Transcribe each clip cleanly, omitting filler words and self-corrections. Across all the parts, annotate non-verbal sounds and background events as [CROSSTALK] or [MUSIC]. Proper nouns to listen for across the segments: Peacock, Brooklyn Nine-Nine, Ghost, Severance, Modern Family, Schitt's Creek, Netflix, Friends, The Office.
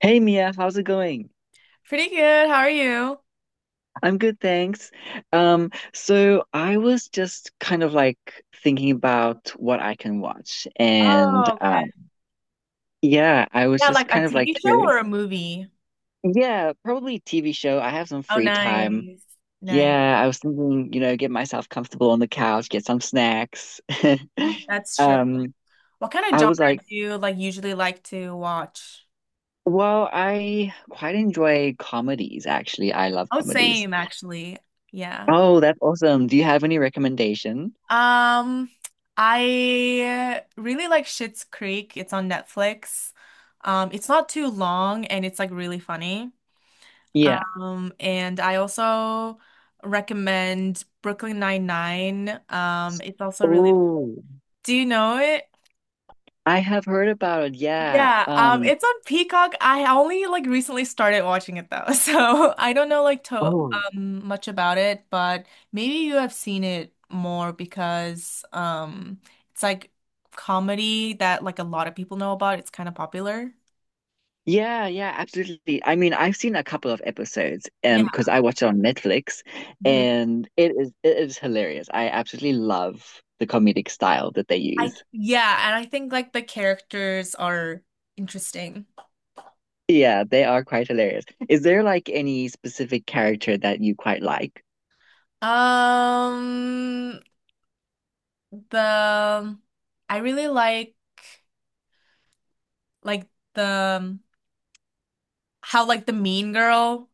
Hey Mia, how's it going? Pretty good. How are you? I'm good, thanks. So I was just kind of like thinking about what I can watch, and Oh, okay. Yeah, I was Yeah, just like a kind of like TV show or curious. a movie? Yeah, probably TV show. I have some Oh, free time. nice. Nice. Yeah, I was thinking, get myself comfortable on the couch, get some snacks. [LAUGHS] Mm, that's true. Um, What kind of I was like, genre do you like usually like to watch? well, I quite enjoy comedies, actually. I love Oh, comedies. same actually. Yeah. Oh, that's awesome. Do you have any recommendation? Um, I really like Schitt's Creek. It's on Netflix. It's not too long and it's like really funny. And I also recommend Brooklyn Nine-Nine. It's also really. Oh, Do you know it? I have heard about it. Yeah. Yeah, it's on Peacock. I only like recently started watching it though, [LAUGHS] so I don't know like to Oh, much about it, but maybe you have seen it more because it's like comedy that like a lot of people know about. It's kind of popular. yeah, yeah, absolutely. I mean, I've seen a couple of episodes Yeah. Because I watch it on Netflix, Mhm. and it is hilarious. I absolutely love the comedic style that they I use. yeah, and I think like the characters are interesting. Yeah, they are quite hilarious. Is there like any specific character that you quite like? Um, the I really like like the how like the mean girl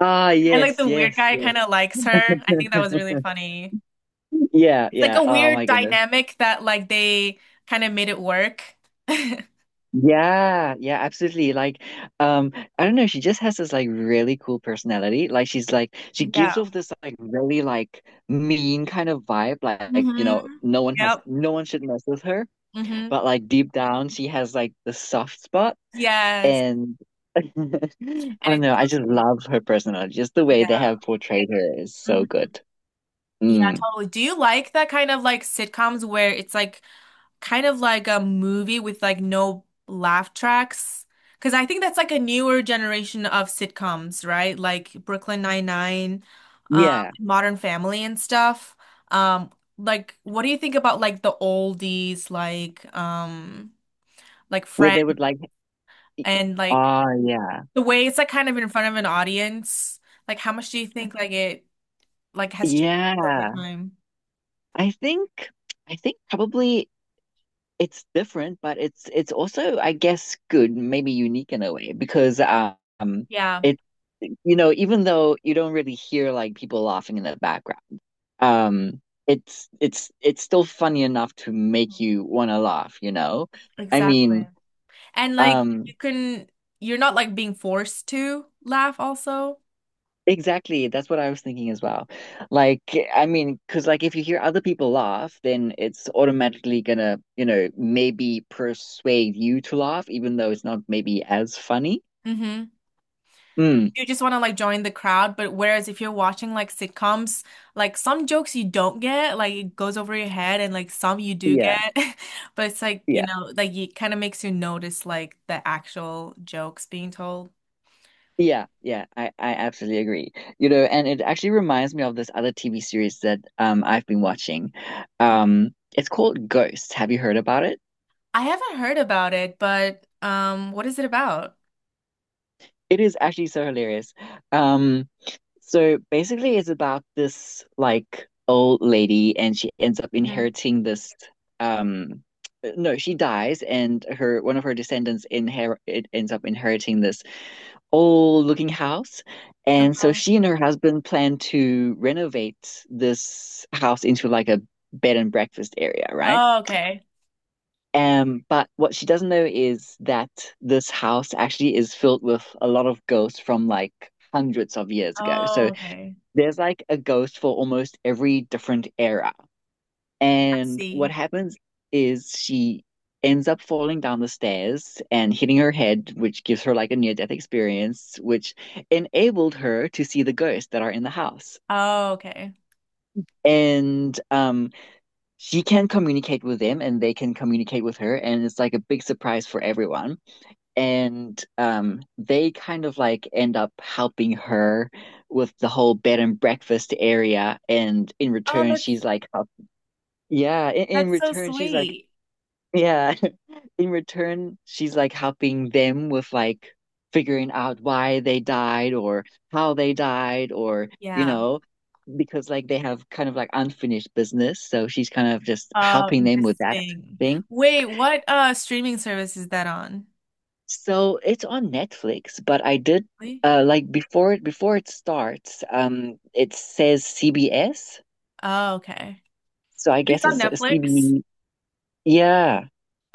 Ah, and like yes, the weird yes, guy yes. kind of likes her. I think that [LAUGHS] was really funny. Yeah, It's like yeah. a Oh weird my goodness. dynamic that like they kind of made it work. [LAUGHS] Yeah, yeah, absolutely. Like, um, I don't know, she just has this like really cool personality. Like she's like she gives Yeah. off this like really like mean kind of vibe, like, Hmm. Yep. no one should mess with her, Hmm. but like deep down she has like the soft spot, Yes. and [LAUGHS] I And don't it's know, so I just sweet. love her personality. Just the way Yeah. they have portrayed her is so Hmm. good. Yeah, Mm. totally. Do you like that kind of like sitcoms where it's like kind of like a movie with like no laugh tracks? Because I think that's like a newer generation of sitcoms, right? Like Brooklyn Nine-Nine, um, Yeah, Modern Family and stuff. Um, like what do you think about like the oldies, like where Friends they would like, and like oh yeah. the way it's like kind of in front of an audience? Like how much do you think like it like has changed over Yeah, time? I think I think probably. It's different, but it's also, I guess, good, maybe unique in a way, because Yeah, it even though you don't really hear like people laughing in the background, um it's still funny enough to make you want to laugh, you know? I exactly. mean, And like um you're not like being forced to laugh also. exactly, that's what I was thinking as well. Like, I mean, because like if you hear other people laugh, then it's automatically gonna, maybe persuade you to laugh, even though it's not maybe as funny. Hmm. Hmm. You just want to like join the crowd, but whereas if you're watching like sitcoms, like some jokes you don't get, like it goes over your head and like some you do Yeah, get. [LAUGHS] But it's like, you yeah, know, like it kind of makes you notice like the actual jokes being told. yeah, yeah. I absolutely agree. You know, and it actually reminds me of this other TV series that I've been watching. It's called Ghost. Have you heard about it? I haven't heard about it, but what is it about? It is actually so hilarious. Um, so basically, it's about this like old lady, and she ends up Hmm. inheriting this um. No, she dies, and her one of her descendants inher it ends up inheriting this old looking house. And so Uh-huh. she and her husband plan to renovate this house into like a bed and breakfast area, right? Oh, okay. But what she doesn't know is that this house actually is filled with a lot of ghosts from like hundreds of years ago. So Oh, okay. there's like a ghost for almost every different era. I And see. what happens is she ends up falling down the stairs and hitting her head, which gives her like a near-death experience, which enabled her to see the ghosts that are in the house. Oh, okay. And she can communicate with them, and they can communicate with her, and it's like a big surprise for everyone. And they kind of like end up helping her with the whole bed and breakfast area. And in Oh, return, that's she's like, yeah, in That's so return, she's like, sweet. yeah. In return, she's like helping them with like figuring out why they died or how they died or, you Yeah. know, because like they have kind of like unfinished business. So she's kind of just Oh, helping them with that interesting. thing. Wait, what streaming service is that on? So it's on Netflix, but I did Really? Like before it starts, it says CBS. Oh, okay. So I It's guess on it's a C Netflix. B. Yeah.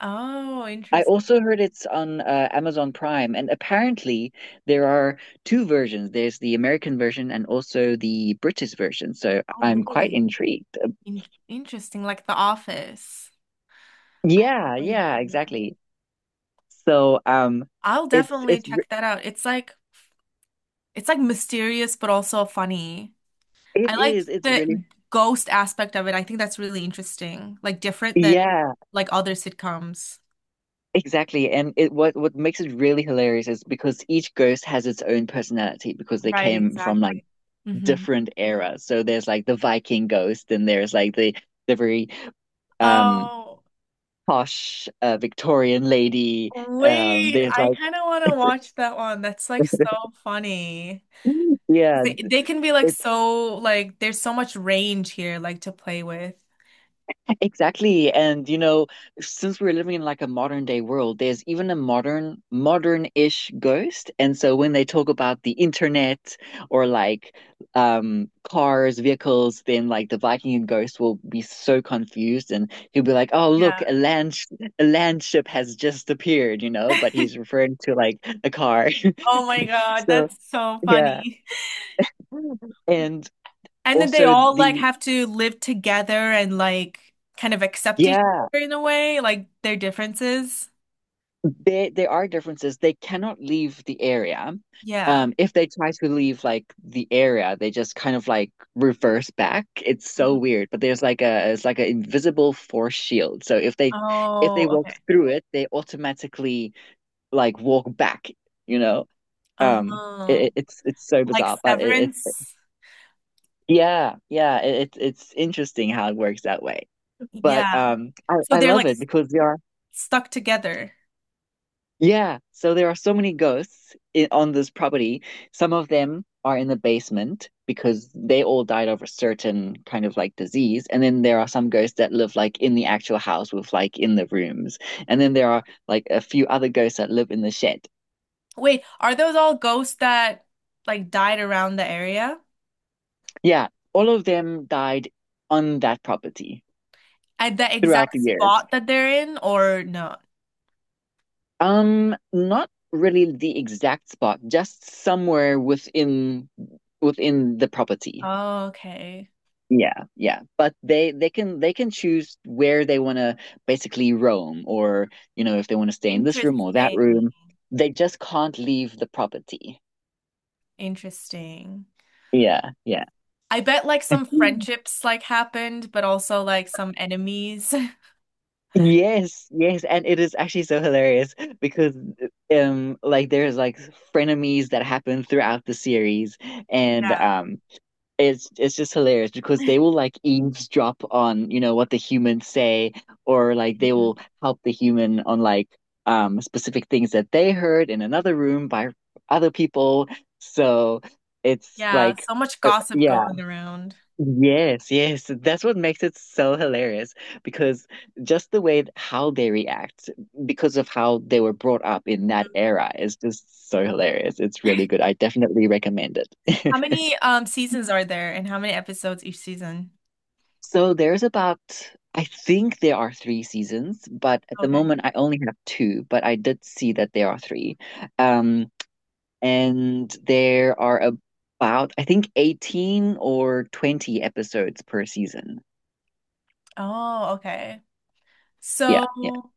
Oh, I interesting. also heard it's on Amazon Prime, and apparently there are two versions. There's the American version and also the British version. So Oh, I'm quite really? intrigued. In interesting, like The Office. I had Yeah, no yeah, idea. exactly. So I'll it's definitely it's re- check that out. It's like mysterious but also funny. it I like is it's really. the ghost aspect of it. I think that's really interesting. Like different than Yeah, like other sitcoms. exactly. And it what makes it really hilarious is because each ghost has its own personality because they Right, came from like exactly. Hmm. different eras. So there's like the Viking ghost, and there's like the very um Oh, posh Victorian lady. Wait. They're I like, kind of want to watch that one. That's like so [LAUGHS] funny. yeah, They can be like it's so, like, there's so much range here, like, to play with. exactly. And you know, since we're living in like a modern day world, there's even a modern, modern-ish ghost. And so when they talk about the internet or like cars, vehicles, then like the Viking ghost will be so confused and he'll be like, "Oh, look, Yeah. A land ship has just appeared," you know, but he's [LAUGHS] referring to like a car. [LAUGHS] Oh my God. So, That's so yeah. funny. And And then they also all like the have to live together and like kind of accept each Yeah, other in a way, like their differences. there are differences. They cannot leave the area. Yeah. If they try to leave like the area, they just kind of like reverse back. It's so Mhm. weird. But there's like a it's like an invisible force shield. So if they Oh, walk okay. through it, they automatically like walk back, you know? Um it, Uh-huh. it- it's it's so Like bizarre, but it severance. yeah, yeah, it's interesting how it works that way. But Yeah. I, So I they're love like it because there are stuck together. yeah, so there are so many ghosts on this property. Some of them are in the basement because they all died of a certain kind of like disease. And then there are some ghosts that live like in the actual house with like in the rooms. And then there are like a few other ghosts that live in the shed. Wait, are those all ghosts that like died around the area Yeah, all of them died on that property at the throughout the exact years. spot that they're in, or no? Not really the exact spot, just somewhere within the property. Oh, okay. Yeah, yeah, but they can they can choose where they want to basically roam, or if they want to stay in this room or that Interesting. room. They just can't leave the property. Interesting. Yeah, yeah. I bet like some friendships like happened, but also like some enemies. [LAUGHS] Yes, yes, and it is actually so hilarious because like there's like frenemies that happen throughout the series, and Yeah. um it's just hilarious because they will like eavesdrop on, what the humans say, or like they will Mhm. help the human on like specific things that they heard in another room by other people. So it's Yeah, like, so much gossip yeah, going around. yes, yes. That's what makes it so hilarious because just the way how they react because of how they were brought up in that Mm. era is just so hilarious. It's really good. [LAUGHS] I definitely recommend How it. [LAUGHS] many seasons are there and how many episodes each season? So I think there are three seasons, but at the Okay. moment I only have two, but I did see that there are three. Um, and there are about, I think, 18 or 20 episodes per season. Oh, okay. Yeah, yeah. So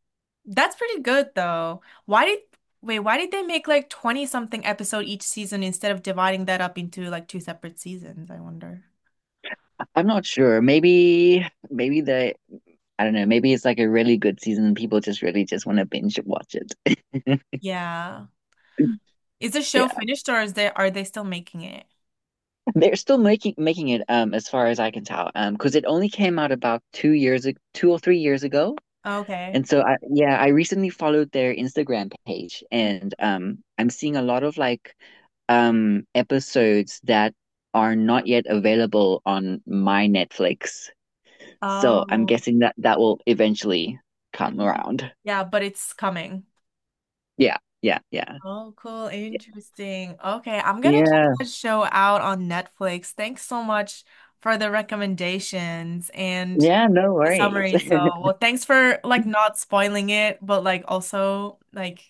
that's pretty good though. Why did wait, why did they make like 20 something episode each season instead of dividing that up into like two separate seasons, I wonder. I'm not sure. Maybe I don't know, maybe it's like a really good season. And people just really just want to binge watch it. [LAUGHS] Yeah. Is the show Yeah, finished or is they are they still making it? they're still making it as far as I can tell because it only came out about 2 or 3 years ago. Okay. And so I yeah, I recently followed their Instagram page, Mm. and I'm seeing a lot of like episodes that are not yet available on my Netflix. So I'm Oh. guessing that that will eventually come Mhm. around. Yeah, but it's coming. Yeah, yeah, yeah. Oh, cool. Interesting. Okay, I'm gonna check Yeah. that show out on Netflix. Thanks so much for the recommendations and Yeah, no the worries. summary. So, well, thanks for like not spoiling it, but like also like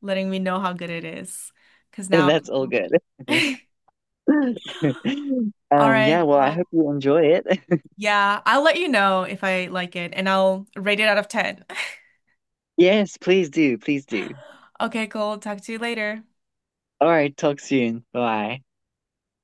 letting me know how good it is. Because [LAUGHS] now, That's all [LAUGHS] good. [LAUGHS] all right, Yeah, well, I well, hope you enjoy it. [LAUGHS] yeah, I'll let you know if I like it and I'll rate it out of 10. [LAUGHS] Yes, please do. Please do. Okay, cool. Talk to you later. All right, talk soon. Bye.